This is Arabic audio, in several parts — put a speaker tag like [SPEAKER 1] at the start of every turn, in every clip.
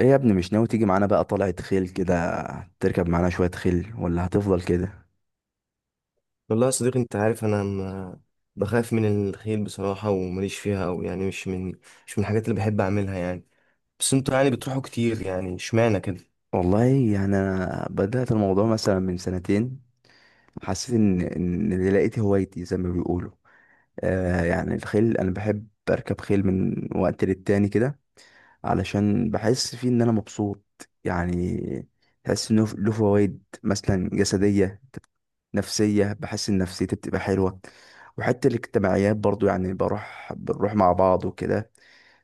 [SPEAKER 1] ايه يا ابني مش ناوي تيجي معانا بقى طلعة خيل كده؟ تركب معانا شوية خيل ولا هتفضل كده؟
[SPEAKER 2] والله يا صديقي، انت عارف انا ما بخاف من الخيل بصراحة، ومليش فيها او يعني مش من الحاجات اللي بحب اعملها يعني. بس انتوا يعني بتروحوا كتير، يعني اشمعنى كده؟
[SPEAKER 1] والله يعني انا بدأت الموضوع مثلا من سنتين، حسيت ان اللي لقيت هوايتي زي ما بيقولوا. آه، يعني الخيل انا بحب اركب خيل من وقت للتاني كده، علشان بحس فيه ان انا مبسوط يعني. بحس انه له فوائد مثلا جسدية، نفسية. بحس إن نفسيتي بتبقى حلوة، وحتى الاجتماعيات برضو يعني بنروح مع بعض وكده.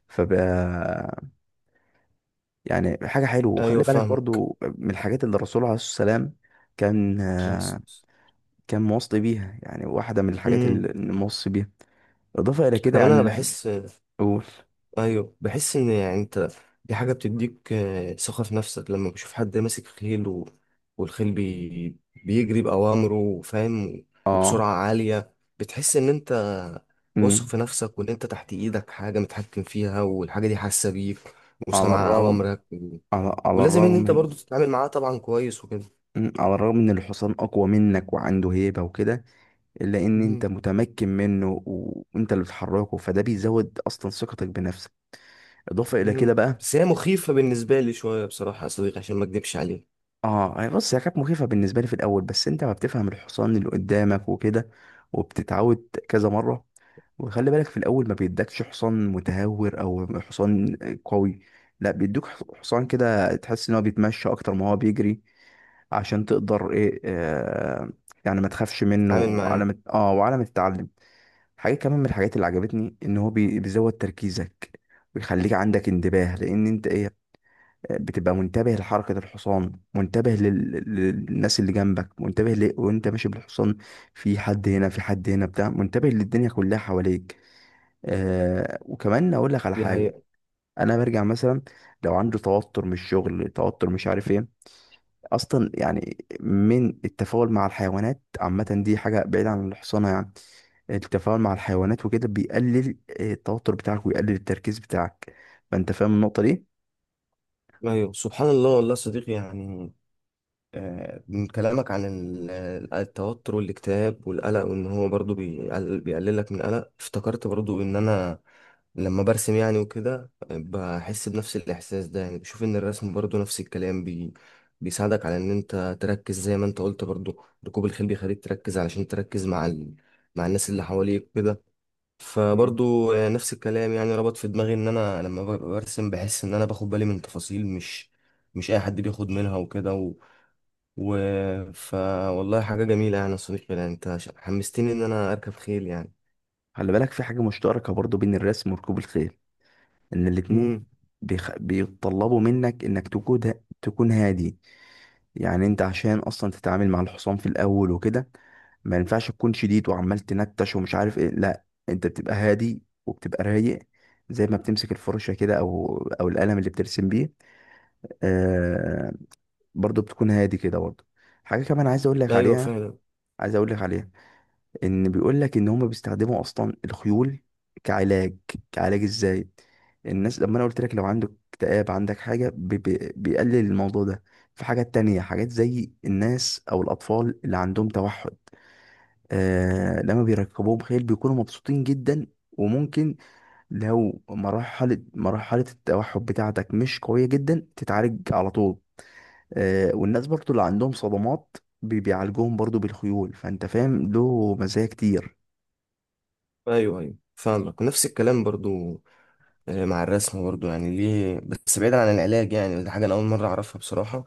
[SPEAKER 1] فبقى يعني حاجة حلوة.
[SPEAKER 2] ايوه،
[SPEAKER 1] وخلي بالك
[SPEAKER 2] فاهمك.
[SPEAKER 1] برضو من الحاجات اللي الرسول عليه الصلاة والسلام كان
[SPEAKER 2] بس.
[SPEAKER 1] كان موصي بيها، يعني واحدة من الحاجات
[SPEAKER 2] امم.
[SPEAKER 1] اللي موصي بيها. إضافة إلى كده
[SPEAKER 2] كمان
[SPEAKER 1] يعني
[SPEAKER 2] انا بحس.
[SPEAKER 1] قول.
[SPEAKER 2] ايوه، بحس ان يعني انت. دي حاجه بتديك ثقه في نفسك، لما بشوف حد ماسك خيل والخيل بيجري باوامره، فاهم؟
[SPEAKER 1] اه.
[SPEAKER 2] وبسرعه عاليه. بتحس ان انت واثق
[SPEAKER 1] امم.
[SPEAKER 2] في نفسك، وان انت تحت ايدك حاجه متحكم فيها، والحاجه دي حاسه بيك
[SPEAKER 1] على
[SPEAKER 2] وسامعه
[SPEAKER 1] الرغم
[SPEAKER 2] اوامرك.
[SPEAKER 1] على
[SPEAKER 2] ولازم ان
[SPEAKER 1] الرغم
[SPEAKER 2] انت
[SPEAKER 1] من.
[SPEAKER 2] برضو تتعامل معاها طبعا كويس وكده.
[SPEAKER 1] على الرغم ان الحصان اقوى منك وعنده هيبة وكده، لان انت
[SPEAKER 2] مم.
[SPEAKER 1] متمكن منه وانت اللي بتحركه، فده بيزود اصلا ثقتك بنفسك. اضافه الى كده
[SPEAKER 2] مم.
[SPEAKER 1] بقى.
[SPEAKER 2] بس هي مخيفه بالنسبه لي شويه، بصراحه يا صديقي، عشان ما اكدبش عليك.
[SPEAKER 1] اه هي، بص، هي كانت مخيفه بالنسبه لي في الاول، بس انت ما بتفهم الحصان اللي قدامك وكده وبتتعود كذا مره. وخلي بالك في الاول ما بيدكش حصان متهور او حصان قوي، لا بيدوك حصان كده تحس ان هو بيتمشى اكتر ما هو بيجري، عشان تقدر ايه، آه، يعني ما تخافش منه،
[SPEAKER 2] اتعامل
[SPEAKER 1] وعلى
[SPEAKER 2] معاها.
[SPEAKER 1] ما وعلى ما تتعلم. حاجة كمان من الحاجات اللي عجبتني ان هو بيزود تركيزك ويخليك عندك انتباه، لان انت ايه، بتبقى منتبه لحركة الحصان، منتبه للناس اللي جنبك، منتبه وانت ماشي بالحصان، في حد هنا، في حد هنا بتاع، منتبه للدنيا كلها حواليك. آه، وكمان اقول لك على
[SPEAKER 2] دي
[SPEAKER 1] حاجة.
[SPEAKER 2] حقيقة.
[SPEAKER 1] انا برجع مثلا، لو عنده توتر من الشغل، توتر مش عارف ايه، اصلا يعني من التفاعل مع الحيوانات عامة، دي حاجة بعيدة عن الحصانة يعني. التفاعل مع الحيوانات وكده بيقلل التوتر بتاعك، ويقلل التركيز بتاعك. فانت فاهم النقطة دي.
[SPEAKER 2] ايوه، سبحان الله. والله يا صديقي، يعني من كلامك عن التوتر والاكتئاب والقلق، وان هو برضو بيقللك من القلق، افتكرت برضو ان انا لما برسم يعني وكده بحس بنفس الاحساس ده. يعني بشوف ان الرسم برضو نفس الكلام بيساعدك على ان انت تركز، زي ما انت قلت برضو ركوب الخيل بيخليك تركز، علشان تركز مع مع الناس اللي حواليك كده.
[SPEAKER 1] مم.
[SPEAKER 2] فبرضو نفس الكلام. يعني ربط في دماغي ان انا لما برسم بحس ان انا باخد بالي من تفاصيل مش اي حد بياخد منها وكده و ف والله، حاجة جميلة يعني يا صديقي، يعني انت حمستني ان انا اركب خيل يعني.
[SPEAKER 1] خلي بالك في حاجة مشتركة برضو بين الرسم وركوب الخيل، ان الاتنين
[SPEAKER 2] امم.
[SPEAKER 1] بيطلبوا منك انك تكون هادي. يعني انت عشان اصلا تتعامل مع الحصان في الاول وكده، ما ينفعش تكون شديد وعمال تنتش ومش عارف ايه، لا، انت بتبقى هادي وبتبقى رايق، زي ما بتمسك الفرشة كده، او القلم اللي بترسم بيه، آه، برضه بتكون هادي كده برضه. حاجة كمان عايز اقول لك
[SPEAKER 2] ايوه،
[SPEAKER 1] عليها،
[SPEAKER 2] فعلا.
[SPEAKER 1] عايز اقول لك عليها ان بيقول لك ان هم بيستخدموا اصلا الخيول كعلاج. كعلاج ازاي؟ الناس لما انا قلت لك لو عندك اكتئاب، عندك حاجة بي بي بيقلل الموضوع ده. في حاجات تانية، حاجات زي الناس او الاطفال اللي عندهم توحد، آه، لما بيركبوهم خيل بيكونوا مبسوطين جدا. وممكن لو مرحلة التوحد بتاعتك مش قوية جدا تتعالج على طول. آه، والناس برضو اللي عندهم صدمات بيعالجوهم برضو بالخيول. فانت فاهم له مزايا كتير.
[SPEAKER 2] ايوه، ايوه، فاهمك. ونفس الكلام برضو مع الرسم برضو، يعني ليه؟ بس بعيدا عن العلاج يعني، دي حاجة انا اول مرة اعرفها بصراحة.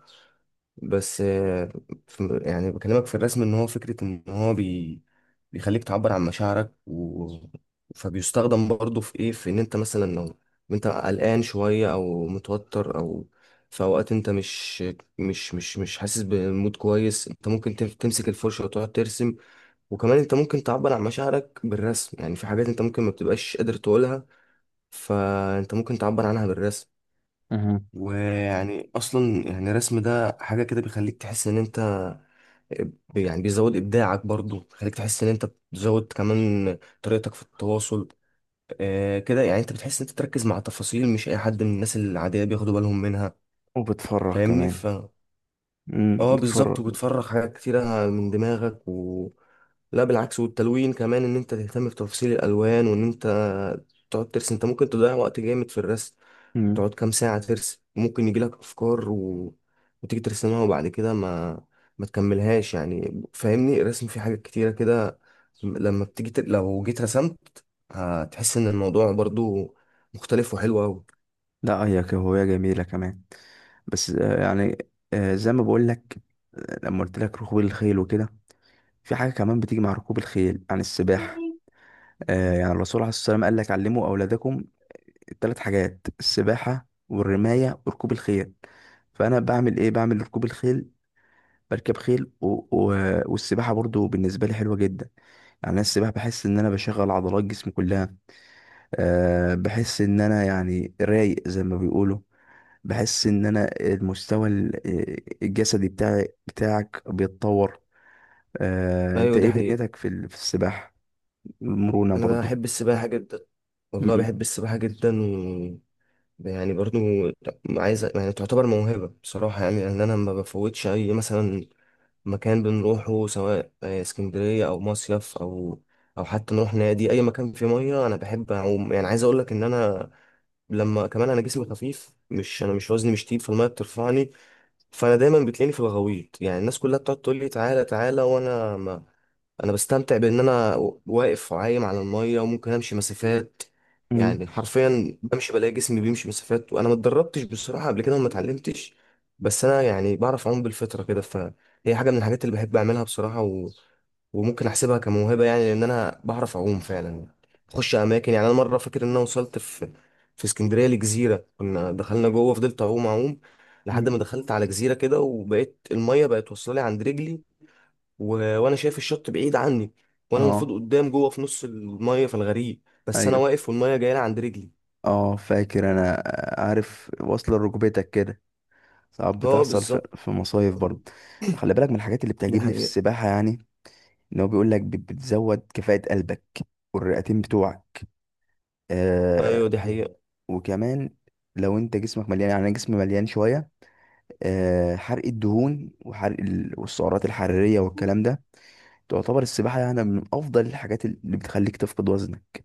[SPEAKER 2] بس يعني بكلمك في الرسم ان هو فكرة، ان هو بيخليك تعبر عن مشاعرك. فبيستخدم برضه في ايه، في ان انت مثلا لو انت قلقان شوية او متوتر، او في اوقات انت مش حاسس بمود كويس، انت ممكن تمسك الفرشة وتقعد ترسم. وكمان انت ممكن تعبر عن مشاعرك بالرسم، يعني في حاجات انت ممكن ما بتبقاش قادر تقولها، فانت ممكن تعبر عنها بالرسم.
[SPEAKER 1] أها.
[SPEAKER 2] ويعني اصلا يعني الرسم ده حاجة كده بيخليك تحس ان انت يعني بيزود ابداعك برضو، خليك تحس ان انت بتزود كمان طريقتك في التواصل. كده يعني انت بتحس ان انت تركز مع تفاصيل، مش اي حد من الناس العاديه بياخدوا بالهم منها.
[SPEAKER 1] وبتفرح
[SPEAKER 2] فاهمني
[SPEAKER 1] كمان.
[SPEAKER 2] ف
[SPEAKER 1] امم،
[SPEAKER 2] اه، بالظبط.
[SPEAKER 1] بتفرح.
[SPEAKER 2] وبتفرغ حاجات كتيره من دماغك. لا، بالعكس. والتلوين كمان، ان انت تهتم بتفاصيل الالوان، وان انت تقعد ترسم. انت ممكن تضيع وقت جامد في الرسم،
[SPEAKER 1] امم.
[SPEAKER 2] تقعد كام ساعة ترسم، ممكن يجيلك أفكار، وتيجي ترسمها، وبعد كده ما تكملهاش يعني. فاهمني، الرسم فيه حاجات كتيرة كده. لما بتيجي لو جيت رسمت، هتحس إن الموضوع برضو مختلف وحلو أوي.
[SPEAKER 1] لا، هي كهواية جميلة كمان، بس آه، يعني آه، زي ما بقول لك، لما قلت لك ركوب الخيل وكده، في حاجة كمان بتيجي مع ركوب الخيل يعني السباحة. آه، يعني الرسول عليه الصلاة والسلام قال لك علموا أولادكم الثلاث حاجات: السباحة والرماية وركوب الخيل. فأنا بعمل إيه؟ بعمل ركوب الخيل، بركب خيل والسباحة برضو بالنسبة لي حلوة جدا. يعني أنا السباحة بحس إن أنا بشغل عضلات جسمي كلها. أه بحس إن أنا يعني رايق زي ما بيقولوا، بحس إن أنا المستوى آه، الجسدي بتاعي بتاعك بيتطور. أه أنت
[SPEAKER 2] أيوة، دي
[SPEAKER 1] إيه
[SPEAKER 2] حقيقة.
[SPEAKER 1] دنيتك في السباحة؟ المرونة
[SPEAKER 2] أنا
[SPEAKER 1] برضو.
[SPEAKER 2] بحب السباحة جدا. والله،
[SPEAKER 1] مم.
[SPEAKER 2] بحب السباحة جدا. يعني برضو عايز يعني تعتبر موهبة بصراحة، يعني لأن أنا ما بفوتش أي مثلا مكان بنروحه، سواء اسكندرية أو مصيف، أو حتى نروح نادي، أي مكان فيه مية أنا بحب أعوم. يعني عايز أقولك إن أنا لما كمان أنا جسمي خفيف، مش أنا مش وزني مش تقيل، فالمية بترفعني، فأنا دايما بتلاقيني في الغويط. يعني الناس كلها بتقعد تقول لي تعالى تعالى، وأنا انا بستمتع بان انا واقف عايم على الميه، وممكن امشي مسافات.
[SPEAKER 1] مم.
[SPEAKER 2] يعني حرفيا بمشي، بلاقي جسمي بيمشي مسافات، وانا ما اتدربتش بصراحه قبل كده وما اتعلمتش. بس انا يعني بعرف اعوم بالفطره كده، فهي حاجه من الحاجات اللي بحب اعملها بصراحه. وممكن احسبها كموهبه، يعني لان انا بعرف اعوم فعلا. بخش اماكن، يعني انا مره فاكر ان انا وصلت في اسكندريه لجزيره، كنا دخلنا جوه، فضلت اعوم اعوم
[SPEAKER 1] مم.
[SPEAKER 2] لحد ما دخلت على جزيره كده، وبقيت الميه بقت واصله لي عند رجلي، وانا شايف الشط بعيد عني، وانا المفروض
[SPEAKER 1] اه.
[SPEAKER 2] قدام جوه في نص الميه في الغريق، بس انا
[SPEAKER 1] ايوه.
[SPEAKER 2] واقف والميه جايه لي عند رجلي.
[SPEAKER 1] اه فاكر انا، آه، عارف واصلة ركبتك كده، ساعات
[SPEAKER 2] اه،
[SPEAKER 1] بتحصل في
[SPEAKER 2] بالظبط.
[SPEAKER 1] في مصايف برضه. خلي بالك من الحاجات اللي
[SPEAKER 2] دي
[SPEAKER 1] بتعجبني في
[SPEAKER 2] حقيقة.
[SPEAKER 1] السباحة يعني، ان هو بيقول لك بتزود كفاءة قلبك والرئتين بتوعك. آه.
[SPEAKER 2] أيوة، دي حقيقة.
[SPEAKER 1] وكمان لو انت جسمك مليان، يعني انا جسمي مليان شوية، آه، حرق الدهون وحرق والسعرات الحرارية والكلام ده، تعتبر السباحة يعني من افضل الحاجات اللي بتخليك تفقد وزنك.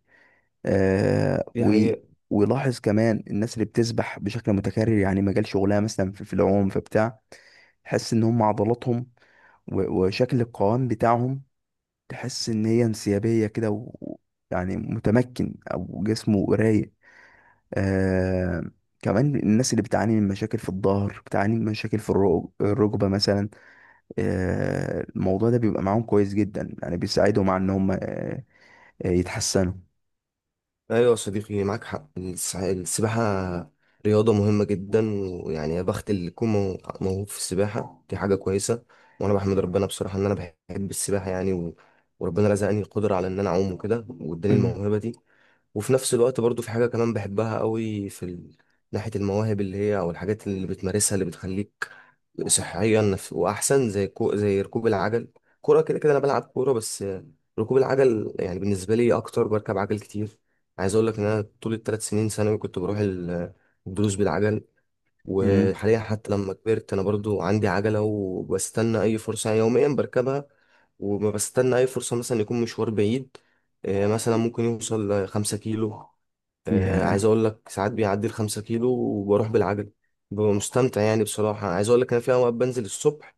[SPEAKER 1] آه.
[SPEAKER 2] دي
[SPEAKER 1] و
[SPEAKER 2] حقيقة.
[SPEAKER 1] ولاحظ كمان الناس اللي بتسبح بشكل متكرر، يعني مجال شغلها مثلا في العوم في بتاع، تحس ان هم عضلاتهم وشكل القوام بتاعهم، تحس ان هي انسيابيه كده يعني متمكن او جسمه رايق. آه. كمان الناس اللي بتعاني من مشاكل في الظهر، بتعاني من مشاكل في الركبه مثلا، آه، الموضوع ده بيبقى معاهم كويس جدا، يعني بيساعدهم على ان هم يتحسنوا.
[SPEAKER 2] أيوة يا صديقي، معاك حق، السباحة رياضة مهمة جدا. ويعني يا بخت اللي يكون موهوب في السباحة، دي حاجة كويسة. وأنا بحمد ربنا بصراحة إن أنا بحب السباحة يعني. وربنا رزقني القدرة على إن أنا أعوم وكده، وإداني الموهبة دي. وفي نفس الوقت برضو في حاجة كمان بحبها قوي في ناحية المواهب اللي هي، أو الحاجات اللي بتمارسها اللي بتخليك صحيا وأحسن، زي زي ركوب العجل. كورة كده كده، أنا بلعب كورة بس. ركوب العجل يعني بالنسبة لي أكتر، بركب عجل كتير. عايز أقول لك إن أنا طول الـ3 سنين ثانوي كنت بروح الدروس بالعجل. وحاليا حتى لما كبرت أنا برضو عندي عجلة، وبستنى أي فرصة يوميا بركبها، وما بستنى أي فرصة مثلا يكون مشوار بعيد. مثلا ممكن يوصل لـ5 كيلو. عايز
[SPEAKER 1] امم.
[SPEAKER 2] أقول لك ساعات بيعدي الـ5 كيلو وبروح بالعجل. ببقى مستمتع، يعني بصراحة عايز أقول لك، أنا في أوقات بنزل الصبح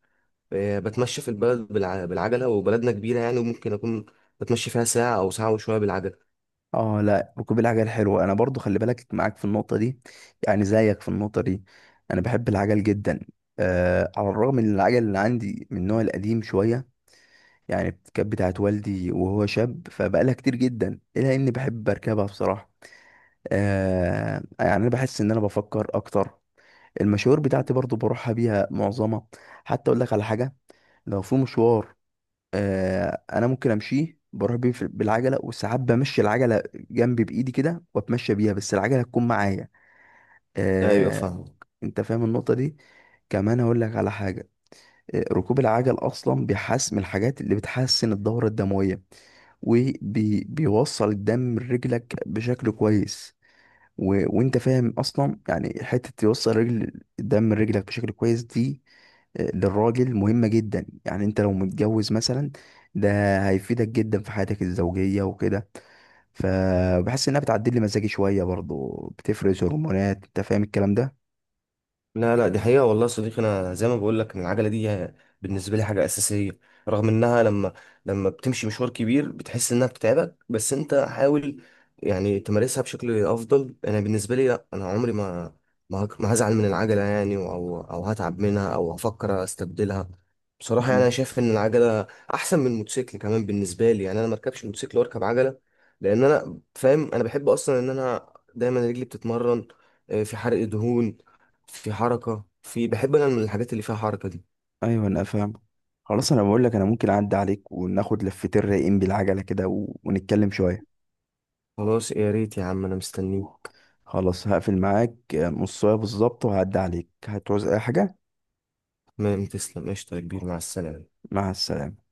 [SPEAKER 2] بتمشى في البلد بالعجلة، وبلدنا كبيرة يعني، وممكن أكون بتمشي فيها ساعة أو ساعة وشوية بالعجلة.
[SPEAKER 1] اه، لا ركوب العجل حلو، انا برضو خلي بالك معاك في النقطه دي، يعني زيك في النقطه دي. انا بحب العجل جدا، آه، على الرغم ان العجل اللي عندي من النوع القديم شويه، يعني كانت بتاعت والدي وهو شاب، فبقالها كتير جدا، الا اني بحب اركبها بصراحه. آه، يعني انا بحس ان انا بفكر اكتر. المشاوير بتاعتي برضو بروحها بيها معظمها. حتى اقول لك على حاجه، لو في مشوار، آه، انا ممكن امشيه بروح بيه بالعجله، وساعات بمشي العجله جنبي بايدي كده واتمشى بيها، بس العجله تكون معايا.
[SPEAKER 2] أيوة،
[SPEAKER 1] آه.
[SPEAKER 2] فاهم.
[SPEAKER 1] انت فاهم النقطه دي. كمان اقول لك على حاجه، آه، ركوب العجل اصلا بيحسن، من الحاجات اللي بتحسن الدوره الدمويه، وبيوصل الدم لرجلك بشكل كويس وانت فاهم اصلا، يعني حته توصل رجل الدم لرجلك بشكل كويس دي، آه، للراجل مهمه جدا. يعني انت لو متجوز مثلا، ده هيفيدك جدا في حياتك الزوجيه وكده. فبحس انها بتعدل لي مزاجي شويه برضو، بتفرز هرمونات، انت فاهم الكلام ده.
[SPEAKER 2] لا، لا، دي حقيقة. والله يا صديقي، أنا زي ما بقول لك إن العجلة دي بالنسبة لي حاجة أساسية، رغم إنها لما بتمشي مشوار كبير بتحس إنها بتتعبك، بس أنت حاول يعني تمارسها بشكل أفضل. أنا بالنسبة لي لا، أنا عمري ما ما هزعل من العجلة يعني، أو هتعب منها، أو هفكر أستبدلها. بصراحة يعني
[SPEAKER 1] مم.
[SPEAKER 2] أنا شايف إن العجلة أحسن من الموتوسيكل كمان بالنسبة لي، يعني أنا مركبش موتوسيكل وأركب عجلة، لأن أنا فاهم أنا بحب أصلا إن أنا دايما رجلي بتتمرن، في حرق دهون، في حركة، بحب أنا من الحاجات اللي فيها حركة دي.
[SPEAKER 1] ايوه انا فاهم. خلاص، انا بقول لك انا ممكن اعدي عليك وناخد لفتين رايقين بالعجله كده ونتكلم شويه.
[SPEAKER 2] خلاص، يا ريت يا عم، أنا مستنيك.
[SPEAKER 1] خلاص، هقفل معاك، آه، نص ساعه بالظبط وهعدي عليك. هتعوز اي حاجه؟
[SPEAKER 2] تمام، تسلم، قشطة يا كبير، مع السلامة.
[SPEAKER 1] مع السلامه.